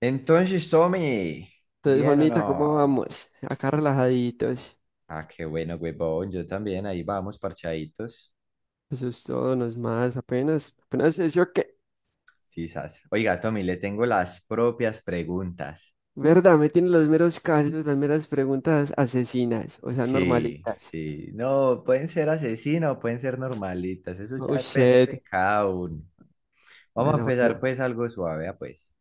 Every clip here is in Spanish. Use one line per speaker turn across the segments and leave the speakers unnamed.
Entonces, Tommy,
Entonces,
¿bien o
Juanmita, ¿cómo
no?
vamos? Acá relajaditos.
Ah, qué bueno, huevón. Yo también, ahí vamos, parchaditos.
Eso es todo, no es más, apenas, apenas eso que,
Sí, sas. Oiga, Tommy, le tengo las propias preguntas.
¿verdad? Me tienen los meros casos, las meras preguntas asesinas, o sea,
Sí,
normalitas.
sí. No, pueden ser asesinos, pueden ser normalitas. Eso ya
Oh,
depende de
shit.
cada uno. Vamos a
Bueno,
empezar,
bueno,
pues, algo suave, ah, pues.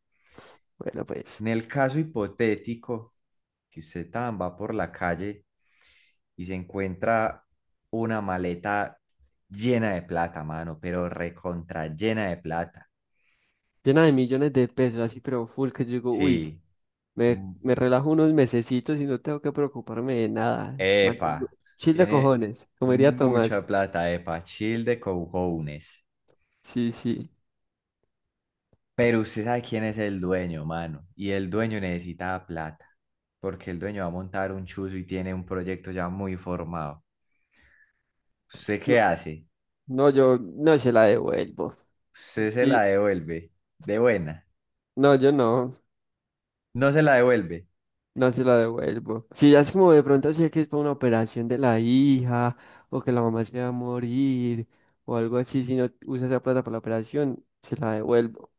bueno, pues.
En el caso hipotético, que usted tan va por la calle y se encuentra una maleta llena de plata, mano, pero recontra llena de plata.
Llena de millones de pesos, así, pero full, que yo digo, uy,
Sí.
me,
Mm.
me relajo unos mesecitos y no tengo que preocuparme de nada.
Epa,
Chill de
tiene
cojones, comería
mucha
Tomás.
plata, epa, chill de cojones.
Sí, sí.
Pero usted sabe quién es el dueño, mano, y el dueño necesita plata, porque el dueño va a montar un chuzo y tiene un proyecto ya muy formado. ¿Usted qué
No,
hace?
no, yo no se la devuelvo.
Usted se la
Y
devuelve, de buena.
no, yo no.
No se la devuelve.
No se la devuelvo. Si ya es como de pronto así que es para una operación de la hija, o que la mamá se va a morir, o algo así, si no usa esa plata para la operación, se la devuelvo.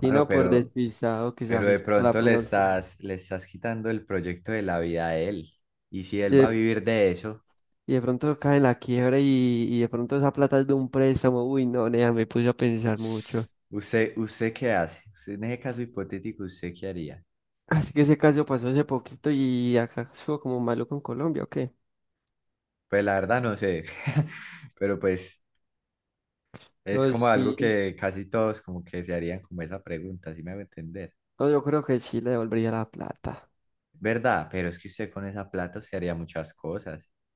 Si
Bueno,
no, por
pero,
despistado que se
pero de
avisa para la
pronto le
próxima.
estás, le estás quitando el proyecto de la vida a él. Y si
Y
él va a
de,
vivir de eso,
y de pronto cae en la quiebra y de pronto esa plata es de un préstamo. Uy, no, nea, me puse a pensar mucho.
¿usted qué hace? Usted, en ese caso hipotético, ¿usted qué haría?
Así que ese caso pasó hace poquito y acá estuvo como malo con Colombia, ¿o qué?
Pues la verdad no sé. Pero pues es
No,
como algo
sí.
que casi todos como que se harían como esa pregunta, si me va a entender.
No, yo creo que sí le devolvería la plata.
¿Verdad? Pero es que usted con esa plata se haría muchas cosas.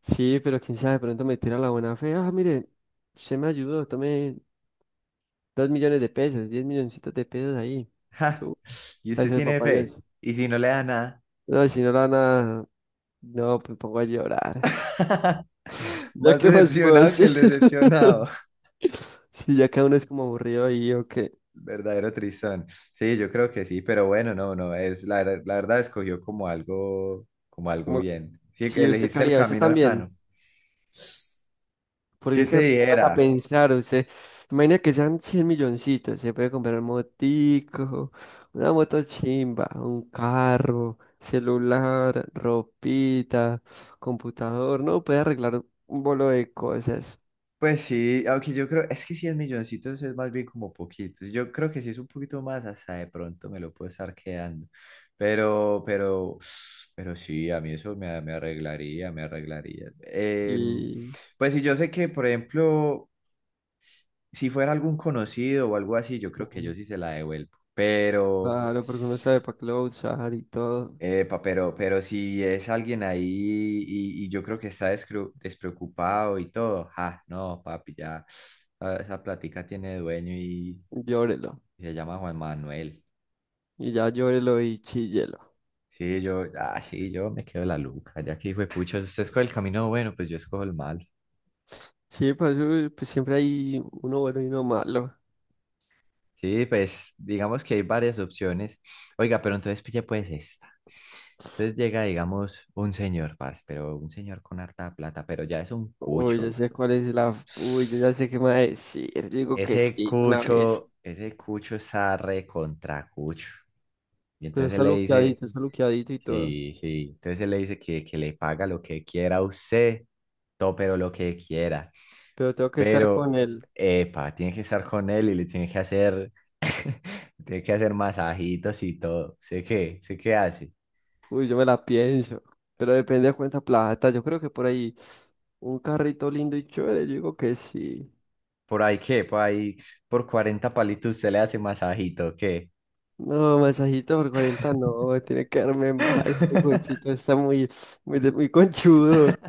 Sí, pero quién sabe, de pronto me tira la buena fe. Ah, mire, se me ayudó, tome 2 millones de pesos, 10 milloncitos de pesos ahí.
Ja,
Yo,
y usted
gracias,
tiene
papá
fe.
Dios.
Y si no le da nada.
No, si no la nada, no, me pongo a llorar. ¿Ya
Más
qué más puedo
decepcionado que
hacer?
el decepcionado.
Sí, ya cada uno es como aburrido ahí, o qué.
Verdadero tristón. Sí, yo creo que sí, pero bueno, no, no, es la verdad escogió como algo
Como,
bien. Sí, que
sí, usted qué
elegiste el
haría, usted
camino sano.
también. Porque
¿Qué
es
te
que pongan a
dijera?
pensar, usted, imagina que sean 100 milloncitos, se puede comprar un motico, una moto chimba, un carro, celular, ropita, computador, ¿no? Puede arreglar un bolo de cosas.
Pues sí, aunque yo creo, es que si es milloncitos es más bien como poquitos. Yo creo que si es un poquito más, hasta de pronto me lo puedo estar quedando. Pero, pero, pero sí, a mí eso me arreglaría, me arreglaría.
Y
Pues sí, yo sé que, por ejemplo, si fuera algún conocido o algo así, yo creo que yo
mm,
sí se la devuelvo. Pero,
claro, porque uno sabe para qué lo va a usar y todo,
epa, pero si es alguien ahí y yo creo que está despreocupado y todo, ah, no, papi, ya, ah, esa plática tiene dueño y
llórelo.
se llama Juan Manuel.
Y ya llórelo y chíllelo.
Sí, yo, ah, sí, yo me quedo la luca, ya que hijo de pucha, usted escoge el camino bueno, pues yo escojo el malo.
Sí, pues, siempre hay uno bueno y uno malo.
Sí, pues digamos que hay varias opciones. Oiga, pero entonces pille pues esta. Entonces llega, digamos, un señor, parce, pero un señor con harta plata, pero ya es un
Uy, ya
cucho.
sé cuál es la. Uy, yo ya sé qué me va a decir. Digo que
Ese
sí, una vez.
cucho, ese cucho está re contra cucho. Y
Pero
entonces él le dice,
está luqueadito y todo.
sí, sí, entonces él le dice que le paga lo que quiera a usted, todo, pero lo que quiera.
Pero tengo que estar con
Pero,
él.
epa, tiene que estar con él y le tiene que hacer Tiene que hacer masajitos y todo. ¿Sé qué? ¿Sé qué hace?
Uy, yo me la pienso. Pero depende de cuánta plata. Yo creo que por ahí un carrito lindo y chévere. Yo digo que sí.
Por ahí qué, por ahí, Por 40 palitos usted le hace masajito, ¿qué?
No, masajito por 40 no. Tiene que darme mal. Este cochito está muy, muy, muy conchudo.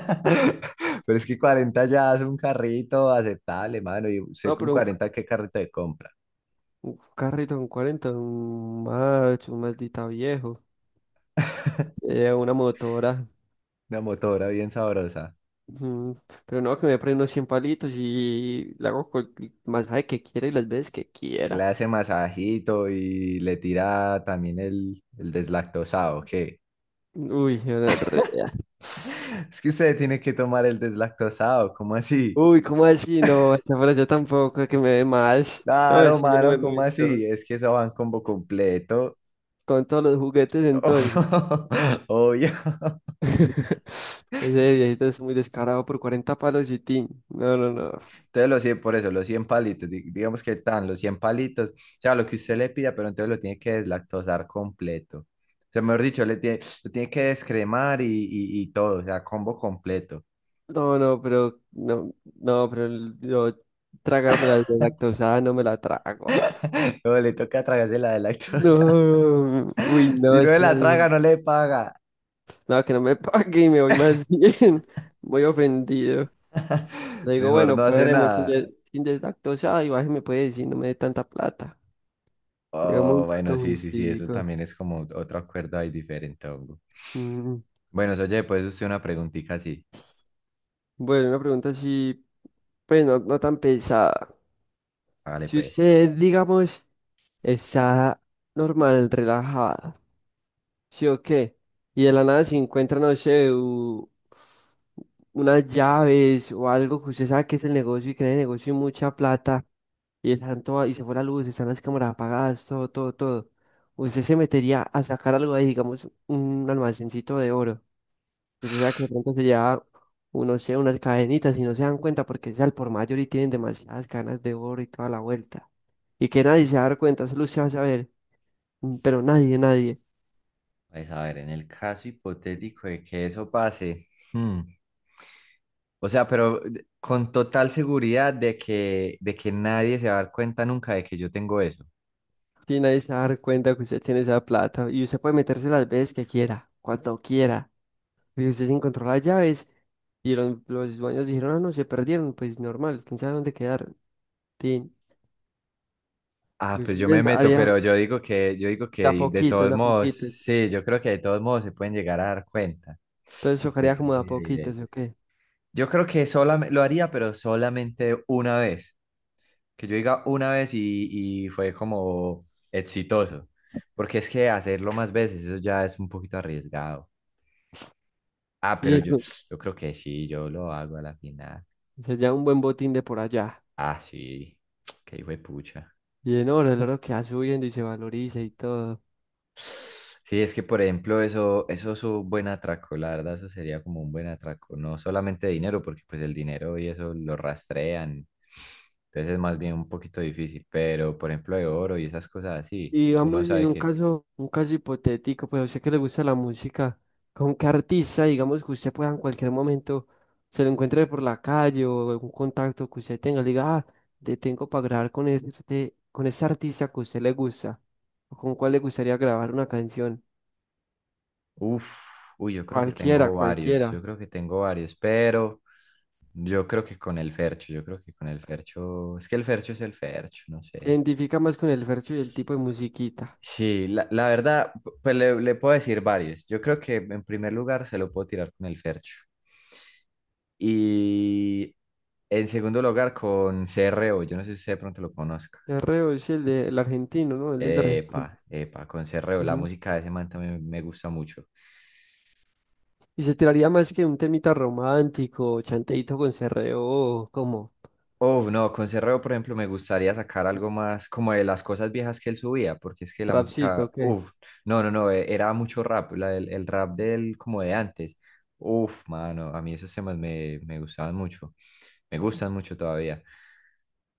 Pero es que 40 ya hace un carrito aceptable, mano. Y usted
No,
con
pero un,
40 ¿qué carrito de compra?
un carrito con 40, un macho, un maldita viejo. Una motora.
Una motora bien sabrosa.
Mm, Pero no, que me prendo 100 palitos y le hago el masaje que quiera y las veces que
Le
quiera.
hace masajito y le tira también el deslactosado, ¿qué?
Uy, gonorrea.
Es que usted tiene que tomar el deslactosado, ¿cómo así?
Uy, ¿cómo así? No, esta frase tampoco es que me dé más. No,
Claro,
eso ya no me
mano, ¿cómo
gustó.
así? Es que eso va en combo completo.
Con todos los juguetes entonces.
Obvio.
Ese viejito es muy descarado por 40 palos y tin. No, no, no.
Entonces los 100 por eso, los cien palitos, digamos que están los 100 palitos, o sea, lo que usted le pida, pero entonces lo tiene que deslactosar completo. O sea, mejor dicho, le tiene, lo tiene que descremar y todo, o sea, combo completo.
No, no, pero no, no, pero yo tragarme la lactosada no me la trago.
No, le toca tragarse la de lactosa.
No, uy,
Si
no,
no
es
se
que
la
esas,
traga, no le paga.
no, que no me pague y me voy más bien. Voy ofendido. Le digo,
Mejor
bueno,
no hace
cuadremos
nada.
sin deslactosada y baje me puede decir, no me dé tanta plata. Digamos un
Oh, bueno,
trato
sí, sí, sí, eso
justico.
también es como otro acuerdo ahí diferente, hongo.
Mm,
Bueno, oye, pues usted una preguntita así.
Bueno, una pregunta así, pues no, no tan pesada.
Hágale
Si
pues.
usted, digamos, está normal, relajada, ¿sí o qué? Y de la nada se encuentra, no sé, unas llaves o algo que usted sabe que es el negocio y que en el negocio hay mucha plata. Y están todas, y se fue la luz, están las cámaras apagadas, todo, todo, todo. Usted se metería a sacar algo ahí, digamos, un almacencito de oro. Usted sabe que de pronto se lleva, uno sé, unas cadenitas y no se dan cuenta porque es al por mayor y tienen demasiadas cadenas de oro y toda la vuelta. Y que nadie se va a dar cuenta, solo usted va a saber. Pero nadie, nadie.
Pues a ver, en el caso hipotético de que eso pase, hmm, o sea, con total seguridad de que nadie se va a dar cuenta nunca de que yo tengo eso.
Y nadie se va a dar cuenta que usted tiene esa plata. Y usted puede meterse las veces que quiera, cuando quiera. Y usted se encontró las llaves y los dueños dijeron, ah, no, se perdieron, pues normal, quién sabe dónde quedaron. Tin.
Ah, pues
Usted
yo me
les
meto,
daría
pero yo digo
de a
que de
poquitos,
todos
de a
modos,
poquitos.
sí, yo creo que de todos modos se pueden llegar a dar cuenta,
Entonces
porque es
tocaría
que
como
es
de a
muy
poquitos,
evidente.
¿o qué?
Yo creo que solamente lo haría, pero solamente una vez, que yo diga una vez y fue como exitoso, porque es que hacerlo más veces, eso ya es un poquito arriesgado. Ah, pero
Y
yo, yo creo que sí, yo lo hago a la final.
se lleva un buen botín de por allá.
Ah, sí, qué hijo de pucha.
Y en oro, el oro que va subiendo y se valoriza y todo.
Sí, es que por ejemplo, eso es un buen atraco, la verdad, eso sería como un buen atraco, no solamente dinero, porque pues el dinero y eso lo rastrean, entonces es más bien un poquito difícil, pero por ejemplo de oro y esas cosas así,
Y
uno
digamos, en
sabe que,
un caso hipotético, pues a usted que le gusta la música, ¿con qué artista, digamos, que usted pueda en cualquier momento se lo encuentre por la calle o algún contacto que usted tenga, le diga, ah, te tengo para grabar con ese artista que a usted le gusta, o con cuál le gustaría grabar una canción?
uff, uy,
Cualquiera,
yo
cualquiera.
creo que tengo varios, pero yo creo que con el Fercho, es que el Fercho es el Fercho, no
Se
sé.
identifica más con el verso y el tipo de musiquita.
Sí, la verdad, pues le puedo decir varios. Yo creo que en primer lugar se lo puedo tirar con el Fercho. Y en segundo lugar con CRO. Yo no sé si usted de pronto lo conozca.
De reo es el argentino, ¿no? Él es de Argentina.
Epa, epa, con CRO. La
Ujú.
música de ese man también me gusta mucho.
Y se tiraría más que un temita romántico, chanteito con cerreo, como
Oh, no, con Cerreo, por ejemplo, me gustaría sacar algo más como de las cosas viejas que él subía, porque es que la
Trapcito,
música,
¿qué?
uff, no, no, no, era mucho rap, el rap del como de antes. Uff, mano, a mí esos temas me gustaban mucho, me gustan mucho todavía.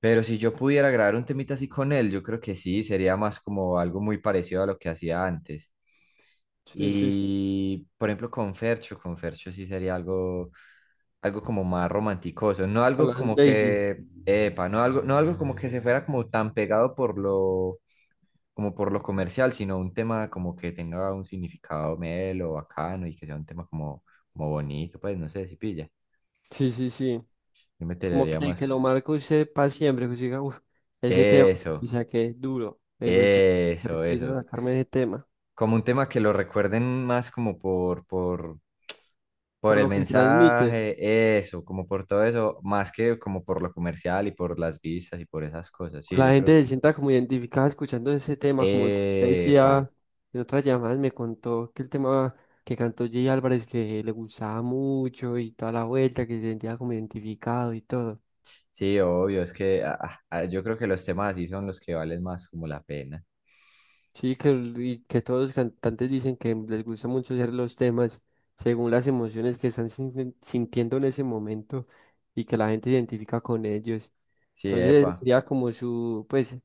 Pero si yo pudiera grabar un temita así con él, yo creo que sí, sería más como algo muy parecido a lo que hacía antes.
Sí, sí, sí.
Y por ejemplo con Fercho sí sería algo, algo como más romanticoso, no algo
Hola,
como
Davis.
que, epa, no algo como que se fuera como tan pegado como por lo comercial, sino un tema como que tenga un significado melo, bacano y que sea un tema como, como bonito, pues no sé si pilla.
Sí, sí, sí.
Yo me
Como
tiraría
que lo
más
marco usted para siempre, que siga, uf, ese tema, o
eso,
sea, que duro. Me gusta,
eso,
quiero
eso,
sacarme de ese tema.
como un tema que lo recuerden más
Por
por el
lo que transmite,
mensaje, eso, como por todo eso, más que como por lo comercial y por las vistas y por esas cosas. Sí,
la
yo
gente
creo
se
que...
sienta como identificada escuchando ese tema, como usted
Epa,
decía en otras llamadas, me contó que el tema que cantó Jay Álvarez, que le gustaba mucho y toda la vuelta, que se sentía como identificado y todo.
sí, obvio, es que ah, ah, yo creo que los temas así son los que valen más como la pena.
Sí, que, y que todos los cantantes dicen que les gusta mucho hacer los temas según las emociones que están sintiendo en ese momento y que la gente identifica con ellos.
Sí,
Entonces
epa.
sería como su, pues,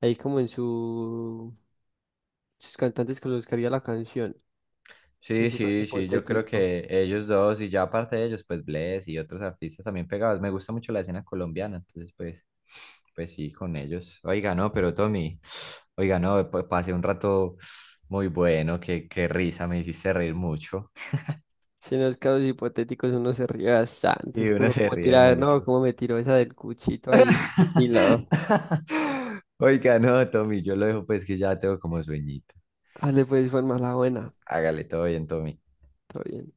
ahí como en sus cantantes con los que haría la canción, en
Sí,
su caso
sí, sí, yo creo
hipotético.
que ellos dos y ya aparte de ellos, pues Bless y otros artistas también pegados. Me gusta mucho la escena colombiana, entonces pues, pues sí, con ellos. Oiga, no, pero Tommy, oiga, no, pasé un rato muy bueno, qué risa, me hiciste reír mucho.
Si en los casos hipotéticos uno se ríe bastante,
Y
es que
uno
uno
se
como
ríe
tira,
mucho.
no, como me tiró esa del cuchito ahí, y lo,
Oiga, no, Tommy, yo lo dejo pues que ya tengo como sueñito.
dale pues, fue más la buena,
Hágale todo bien, Tommy.
todo bien.